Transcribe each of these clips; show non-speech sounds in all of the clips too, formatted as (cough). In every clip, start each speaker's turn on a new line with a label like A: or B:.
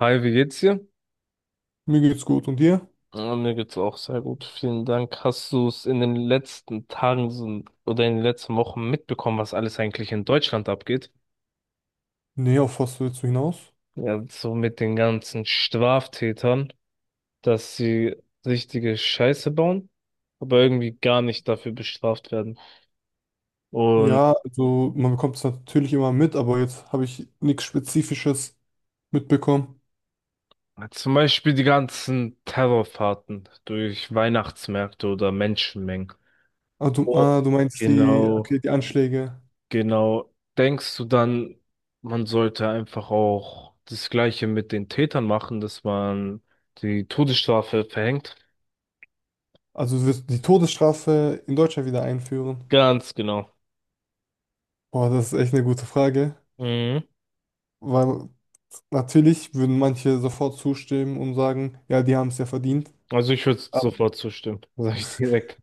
A: Hi, wie geht's dir?
B: Mir geht's gut. Und dir?
A: Ja, mir geht's auch sehr gut. Vielen Dank. Hast du es in den letzten Tagen oder in den letzten Wochen mitbekommen, was alles eigentlich in Deutschland abgeht?
B: Nee, auf was willst du hinaus?
A: Ja, so mit den ganzen Straftätern, dass sie richtige Scheiße bauen, aber irgendwie gar nicht dafür bestraft werden. Und
B: Ja, also man bekommt es natürlich immer mit, aber jetzt habe ich nichts Spezifisches mitbekommen.
A: zum Beispiel die ganzen Terrorfahrten durch Weihnachtsmärkte oder Menschenmengen.
B: Ah, du,
A: Oh,
B: ah, du meinst die,
A: genau.
B: okay, die Anschläge.
A: Genau. Denkst du dann, man sollte einfach auch das Gleiche mit den Tätern machen, dass man die Todesstrafe verhängt?
B: Also du wirst die Todesstrafe in Deutschland wieder einführen?
A: Ganz genau.
B: Boah, das ist echt eine gute Frage,
A: Mhm.
B: weil natürlich würden manche sofort zustimmen und sagen, ja, die haben es ja verdient.
A: Also ich würde sofort zustimmen, (laughs) sage ich direkt.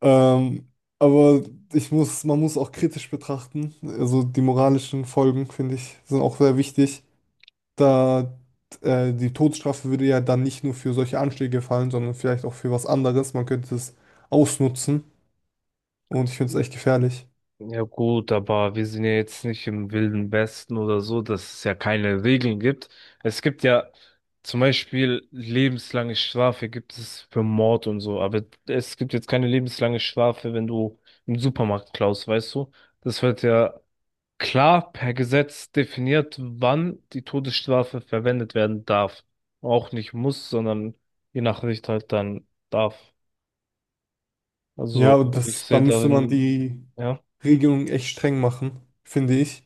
B: Ähm, aber man muss auch kritisch betrachten. Also die moralischen Folgen, finde ich, sind auch sehr wichtig. Da Die Todesstrafe würde ja dann nicht nur für solche Anschläge fallen, sondern vielleicht auch für was anderes. Man könnte es ausnutzen und ich finde es echt gefährlich.
A: Ja gut, aber wir sind ja jetzt nicht im Wilden Westen oder so, dass es ja keine Regeln gibt. Es gibt ja zum Beispiel lebenslange Strafe gibt es für Mord und so, aber es gibt jetzt keine lebenslange Strafe, wenn du im Supermarkt klaust, weißt du? Das wird ja klar per Gesetz definiert, wann die Todesstrafe verwendet werden darf. Auch nicht muss, sondern je nach Richter halt dann darf.
B: Ja,
A: Also
B: und
A: ich
B: da
A: sehe
B: müsste man
A: darin,
B: die
A: ja,
B: Regelung echt streng machen, finde ich,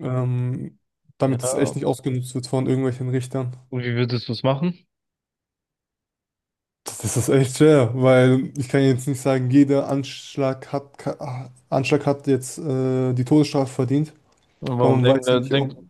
B: ähm, damit es echt
A: ja.
B: nicht ausgenutzt wird von irgendwelchen Richtern.
A: Und wie würdest du es machen?
B: Ist echt schwer, weil ich kann jetzt nicht sagen, jeder Anschlag hat, ka- Anschlag hat jetzt die Todesstrafe verdient,
A: Und
B: weil man weiß ja nicht, ob.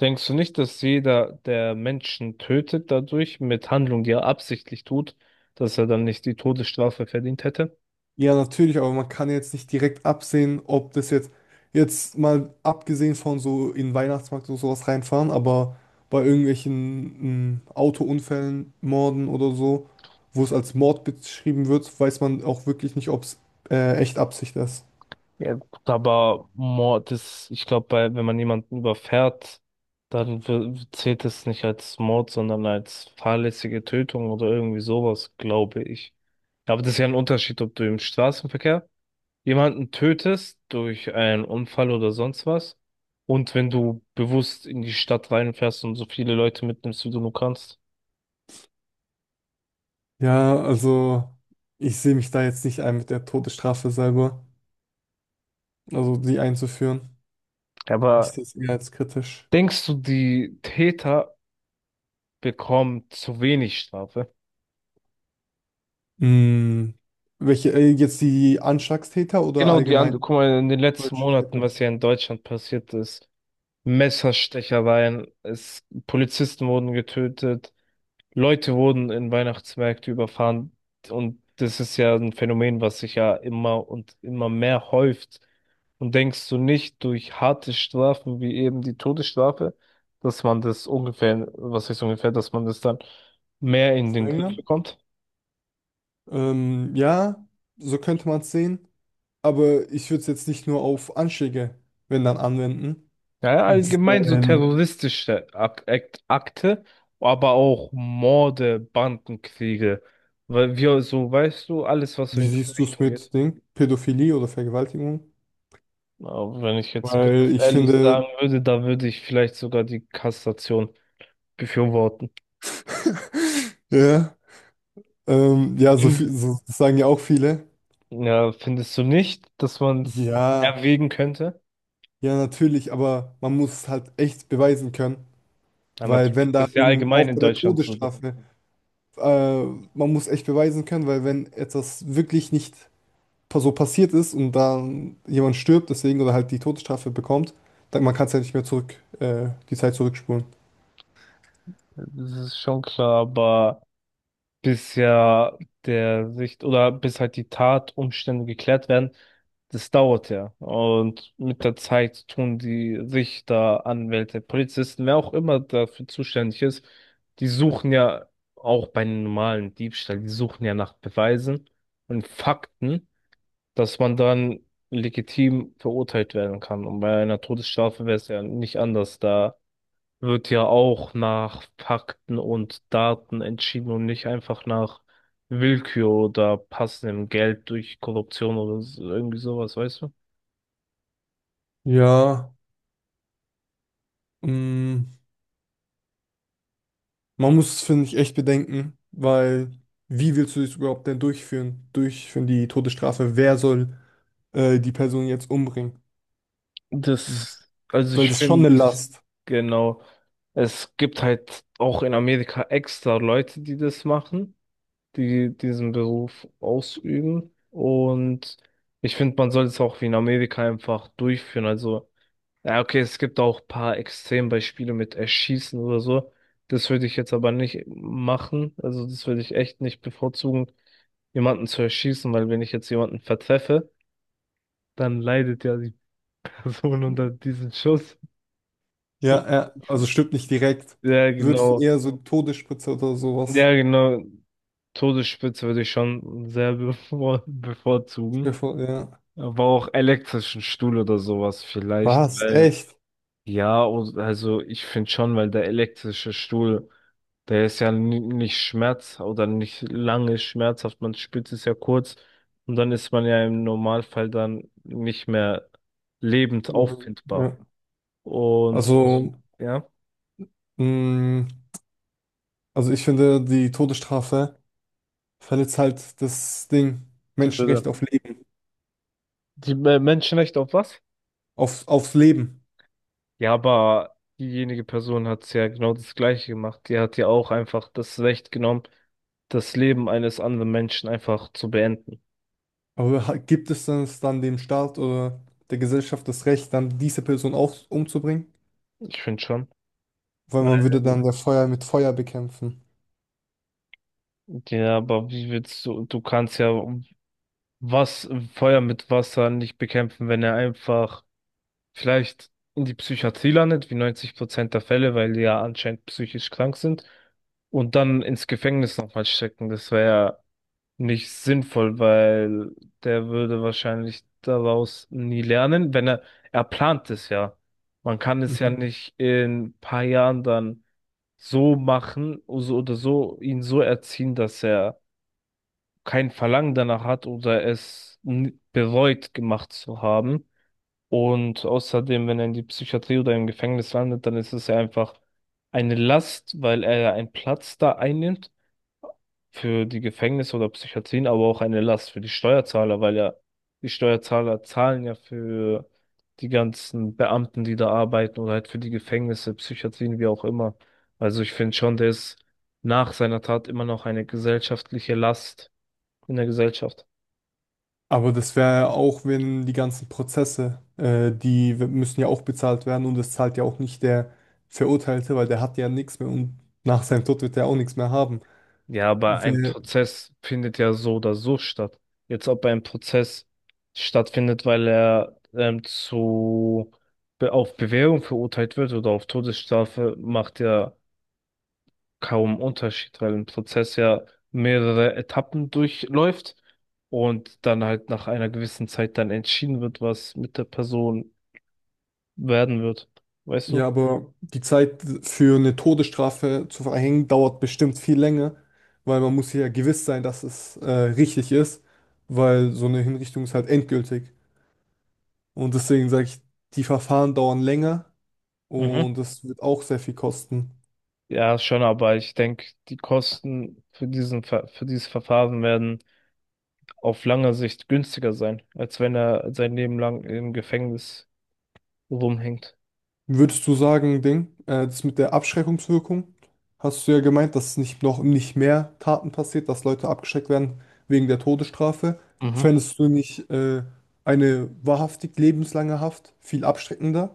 A: denkst du nicht, dass jeder, der Menschen tötet, dadurch mit Handlung, die er absichtlich tut, dass er dann nicht die Todesstrafe verdient hätte?
B: Ja, natürlich, aber man kann jetzt nicht direkt absehen, jetzt mal abgesehen von so in den Weihnachtsmarkt oder sowas reinfahren, aber bei irgendwelchen Autounfällen, Morden oder so, wo es als Mord beschrieben wird, weiß man auch wirklich nicht, ob es echt Absicht ist.
A: Ja, gut, aber Mord ist, ich glaube, bei, wenn man jemanden überfährt, dann zählt es nicht als Mord, sondern als fahrlässige Tötung oder irgendwie sowas, glaube ich. Ja, aber das ist ja ein Unterschied, ob du im Straßenverkehr jemanden tötest durch einen Unfall oder sonst was und wenn du bewusst in die Stadt reinfährst und so viele Leute mitnimmst, wie du nur kannst.
B: Ja, also ich sehe mich da jetzt nicht ein mit der Todesstrafe selber, also die einzuführen. Ich
A: Aber
B: sehe es eher als kritisch.
A: denkst du, die Täter bekommen zu wenig Strafe?
B: Mm, Welche, jetzt die Anschlagstäter oder
A: Genau, die andere,
B: allgemein
A: guck mal, in den letzten
B: deutsche
A: Monaten,
B: Täter?
A: was hier in Deutschland passiert ist, Messerstechereien, es, Polizisten wurden getötet, Leute wurden in Weihnachtsmärkte überfahren und das ist ja ein Phänomen, was sich ja immer und immer mehr häuft. Und denkst du nicht durch harte Strafen wie eben die Todesstrafe, dass man das ungefähr, was heißt ungefähr, dass man das dann mehr in den Griff
B: Verringern?
A: bekommt?
B: Ja, so könnte man es sehen. Aber ich würde es jetzt nicht nur auf Anschläge, wenn dann, anwenden.
A: Ja, ja, allgemein so
B: Weil,
A: terroristische Ak Akt Akte, aber auch Morde, Bandenkriege. Weil wir so, weißt du, alles, was so in
B: wie
A: die
B: siehst du es
A: Richtung geht.
B: mit Ding? Pädophilie oder Vergewaltigung?
A: Aber wenn ich jetzt
B: Weil
A: ganz
B: ich
A: ehrlich sagen
B: finde,
A: würde, da würde ich vielleicht sogar die Kassation befürworten.
B: (laughs) ja, ja, so viel,
A: Fin-
B: so, das sagen ja auch viele.
A: Ja, findest du nicht, dass man es
B: Ja,
A: erwägen könnte?
B: ja, natürlich, aber man muss es halt echt beweisen können.
A: Ja,
B: Weil
A: natürlich,
B: wenn da
A: das ist ja
B: irgend, auch
A: allgemein in
B: bei der
A: Deutschland so.
B: Todesstrafe, äh, man muss echt beweisen können, weil wenn etwas wirklich nicht so passiert ist und dann jemand stirbt, deswegen oder halt die Todesstrafe bekommt, dann man kann es ja nicht mehr zurück, die Zeit zurückspulen.
A: Das ist schon klar, aber. Bis ja der Sicht oder bis halt die Tatumstände geklärt werden, das dauert ja. Und mit der Zeit tun die Richter, Anwälte, Polizisten, wer auch immer dafür zuständig ist, die suchen ja auch bei einem normalen Diebstahl, die suchen ja nach Beweisen und Fakten, dass man dann legitim verurteilt werden kann. Und bei einer Todesstrafe wäre es ja nicht anders. Da wird ja auch nach Fakten und Daten entschieden und nicht einfach nach Willkür oder passendem Geld durch Korruption oder irgendwie sowas, weißt du?
B: Ja, mm, man muss es, finde ich, echt bedenken, weil wie willst du das überhaupt denn durchführen? Durchführen die Todesstrafe? Wer soll die Person jetzt umbringen?
A: Das, also
B: Weil
A: ich
B: das ist schon
A: finde,
B: eine Last.
A: genau, es gibt halt auch in Amerika extra Leute, die das machen, die diesen Beruf ausüben und ich finde, man soll es auch wie in Amerika einfach durchführen, also ja, okay, es gibt auch ein paar Extrembeispiele mit Erschießen oder so. Das würde ich jetzt aber nicht machen. Also das würde ich echt nicht bevorzugen, jemanden zu erschießen, weil wenn ich jetzt jemanden vertreffe, dann leidet ja die Person (laughs) unter diesem Schuss.
B: Ja, ja, also
A: (laughs)
B: stirbt nicht direkt.
A: Ja,
B: Würdest du
A: genau.
B: eher so eine Todesspritze oder sowas?
A: Ja, genau. Todesspitze würde ich schon sehr (laughs)
B: Stell
A: bevorzugen.
B: dir vor, ja.
A: Aber auch elektrischen Stuhl oder sowas vielleicht.
B: Was?
A: Weil
B: Echt?
A: ja, und also ich finde schon, weil der elektrische Stuhl, der ist ja nicht schmerz oder nicht lange schmerzhaft, man spürt es ja kurz und dann ist man ja im Normalfall dann nicht mehr lebend auffindbar.
B: Ja.
A: Und
B: Also,
A: ja,
B: mh, also ich finde, die Todesstrafe verletzt halt das Ding,
A: die
B: Menschenrecht
A: würde.
B: auf Leben,
A: Die Menschenrechte auf was?
B: auf, aufs Leben.
A: Ja, aber diejenige Person hat ja genau das Gleiche gemacht. Die hat ja auch einfach das Recht genommen, das Leben eines anderen Menschen einfach zu beenden.
B: Gibt es denn es dann dem Staat oder der Gesellschaft das Recht, dann diese Person auch umzubringen?
A: Ich finde schon.
B: Weil man würde
A: Weil
B: dann der Feuer mit Feuer bekämpfen.
A: ja, aber wie willst du, du kannst ja was, Feuer mit Wasser nicht bekämpfen, wenn er einfach vielleicht in die Psychiatrie landet, wie 90% der Fälle, weil die ja anscheinend psychisch krank sind, und dann ins Gefängnis nochmal stecken. Das wäre ja nicht sinnvoll, weil der würde wahrscheinlich daraus nie lernen, wenn er, er plant es ja. Man kann es ja
B: Mhm.
A: nicht in ein paar Jahren dann so machen, so oder so, ihn so erziehen, dass er kein Verlangen danach hat oder es bereut gemacht zu haben. Und außerdem, wenn er in die Psychiatrie oder im Gefängnis landet, dann ist es ja einfach eine Last, weil er ja einen Platz da einnimmt für die Gefängnisse oder Psychiatrien, aber auch eine Last für die Steuerzahler, weil ja die Steuerzahler zahlen ja für die ganzen Beamten, die da arbeiten oder halt für die Gefängnisse, Psychiatrien, wie auch immer. Also ich finde schon, der ist nach seiner Tat immer noch eine gesellschaftliche Last in der Gesellschaft.
B: Aber das wäre auch, wenn die ganzen Prozesse, müssen ja auch bezahlt werden und das zahlt ja auch nicht der Verurteilte, weil der hat ja nichts mehr und nach seinem Tod wird er auch nichts mehr haben.
A: Ja, aber ein
B: Wer,
A: Prozess findet ja so oder so statt. Jetzt, ob ein Prozess stattfindet, weil er zu auf Bewährung verurteilt wird oder auf Todesstrafe, macht ja kaum Unterschied, weil ein Prozess ja mehrere Etappen durchläuft und dann halt nach einer gewissen Zeit dann entschieden wird, was mit der Person werden wird. Weißt du?
B: ja, aber die Zeit für eine Todesstrafe zu verhängen dauert bestimmt viel länger, weil man muss sich ja gewiss sein, dass es richtig ist, weil so eine Hinrichtung ist halt endgültig. Und deswegen sage ich, die Verfahren dauern länger
A: Mhm.
B: und es wird auch sehr viel kosten.
A: Ja, schon, aber ich denke, die Kosten für diesen, für dieses Verfahren werden auf lange Sicht günstiger sein, als wenn er sein Leben lang im Gefängnis rumhängt.
B: Würdest du sagen, Ding, das mit der Abschreckungswirkung, hast du ja gemeint, dass es nicht noch nicht mehr Taten passiert, dass Leute abgeschreckt werden wegen der Todesstrafe.
A: Mhm.
B: Fändest du nicht eine wahrhaftig lebenslange Haft viel abschreckender,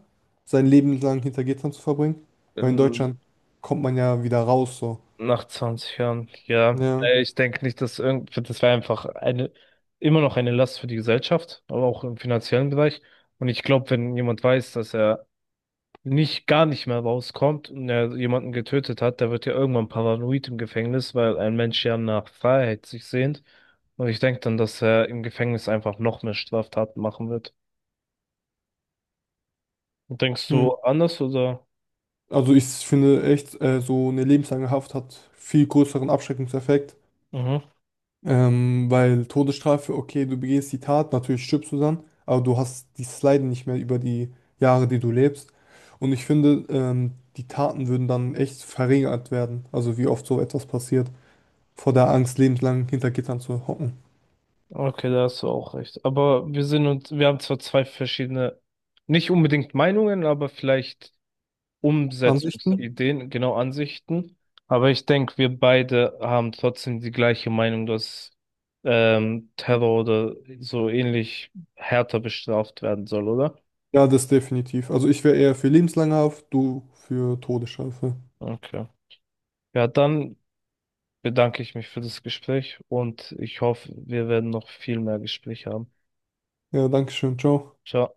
B: sein Leben lang hinter Gittern zu verbringen? Weil in Deutschland
A: Ähm,
B: kommt man ja wieder raus, so.
A: Nach 20 Jahren, ja.
B: Ja.
A: Ich denke nicht, dass irgend, das wäre einfach eine, immer noch eine Last für die Gesellschaft, aber auch im finanziellen Bereich. Und ich glaube, wenn jemand weiß, dass er nicht, gar nicht mehr rauskommt und er jemanden getötet hat, der wird ja irgendwann paranoid im Gefängnis, weil ein Mensch ja nach Freiheit sich sehnt. Und ich denke dann, dass er im Gefängnis einfach noch mehr Straftaten machen wird. Denkst
B: Hm.
A: du anders oder?
B: Also ich finde echt, so eine lebenslange Haft hat viel größeren Abschreckungseffekt.
A: Mhm.
B: Weil Todesstrafe, okay, du begehst die Tat, natürlich stirbst du dann, aber du hast dieses Leiden nicht mehr über die Jahre, die du lebst. Und ich finde, die Taten würden dann echt verringert werden. Also wie oft so etwas passiert, vor der Angst, lebenslang hinter Gittern zu hocken.
A: Okay, da hast du auch recht. Aber wir sind uns, wir haben zwar zwei verschiedene, nicht unbedingt Meinungen, aber vielleicht
B: Ansichten?
A: Umsetzungsideen, genau Ansichten. Aber ich denke, wir beide haben trotzdem die gleiche Meinung, dass Terror oder so ähnlich härter bestraft werden soll, oder?
B: Ja, das definitiv. Also ich wäre eher für lebenslange Haft, du für Todesstrafe.
A: Okay. Ja, dann bedanke ich mich für das Gespräch und ich hoffe, wir werden noch viel mehr Gespräche haben.
B: Ja, danke schön, ciao.
A: Ciao.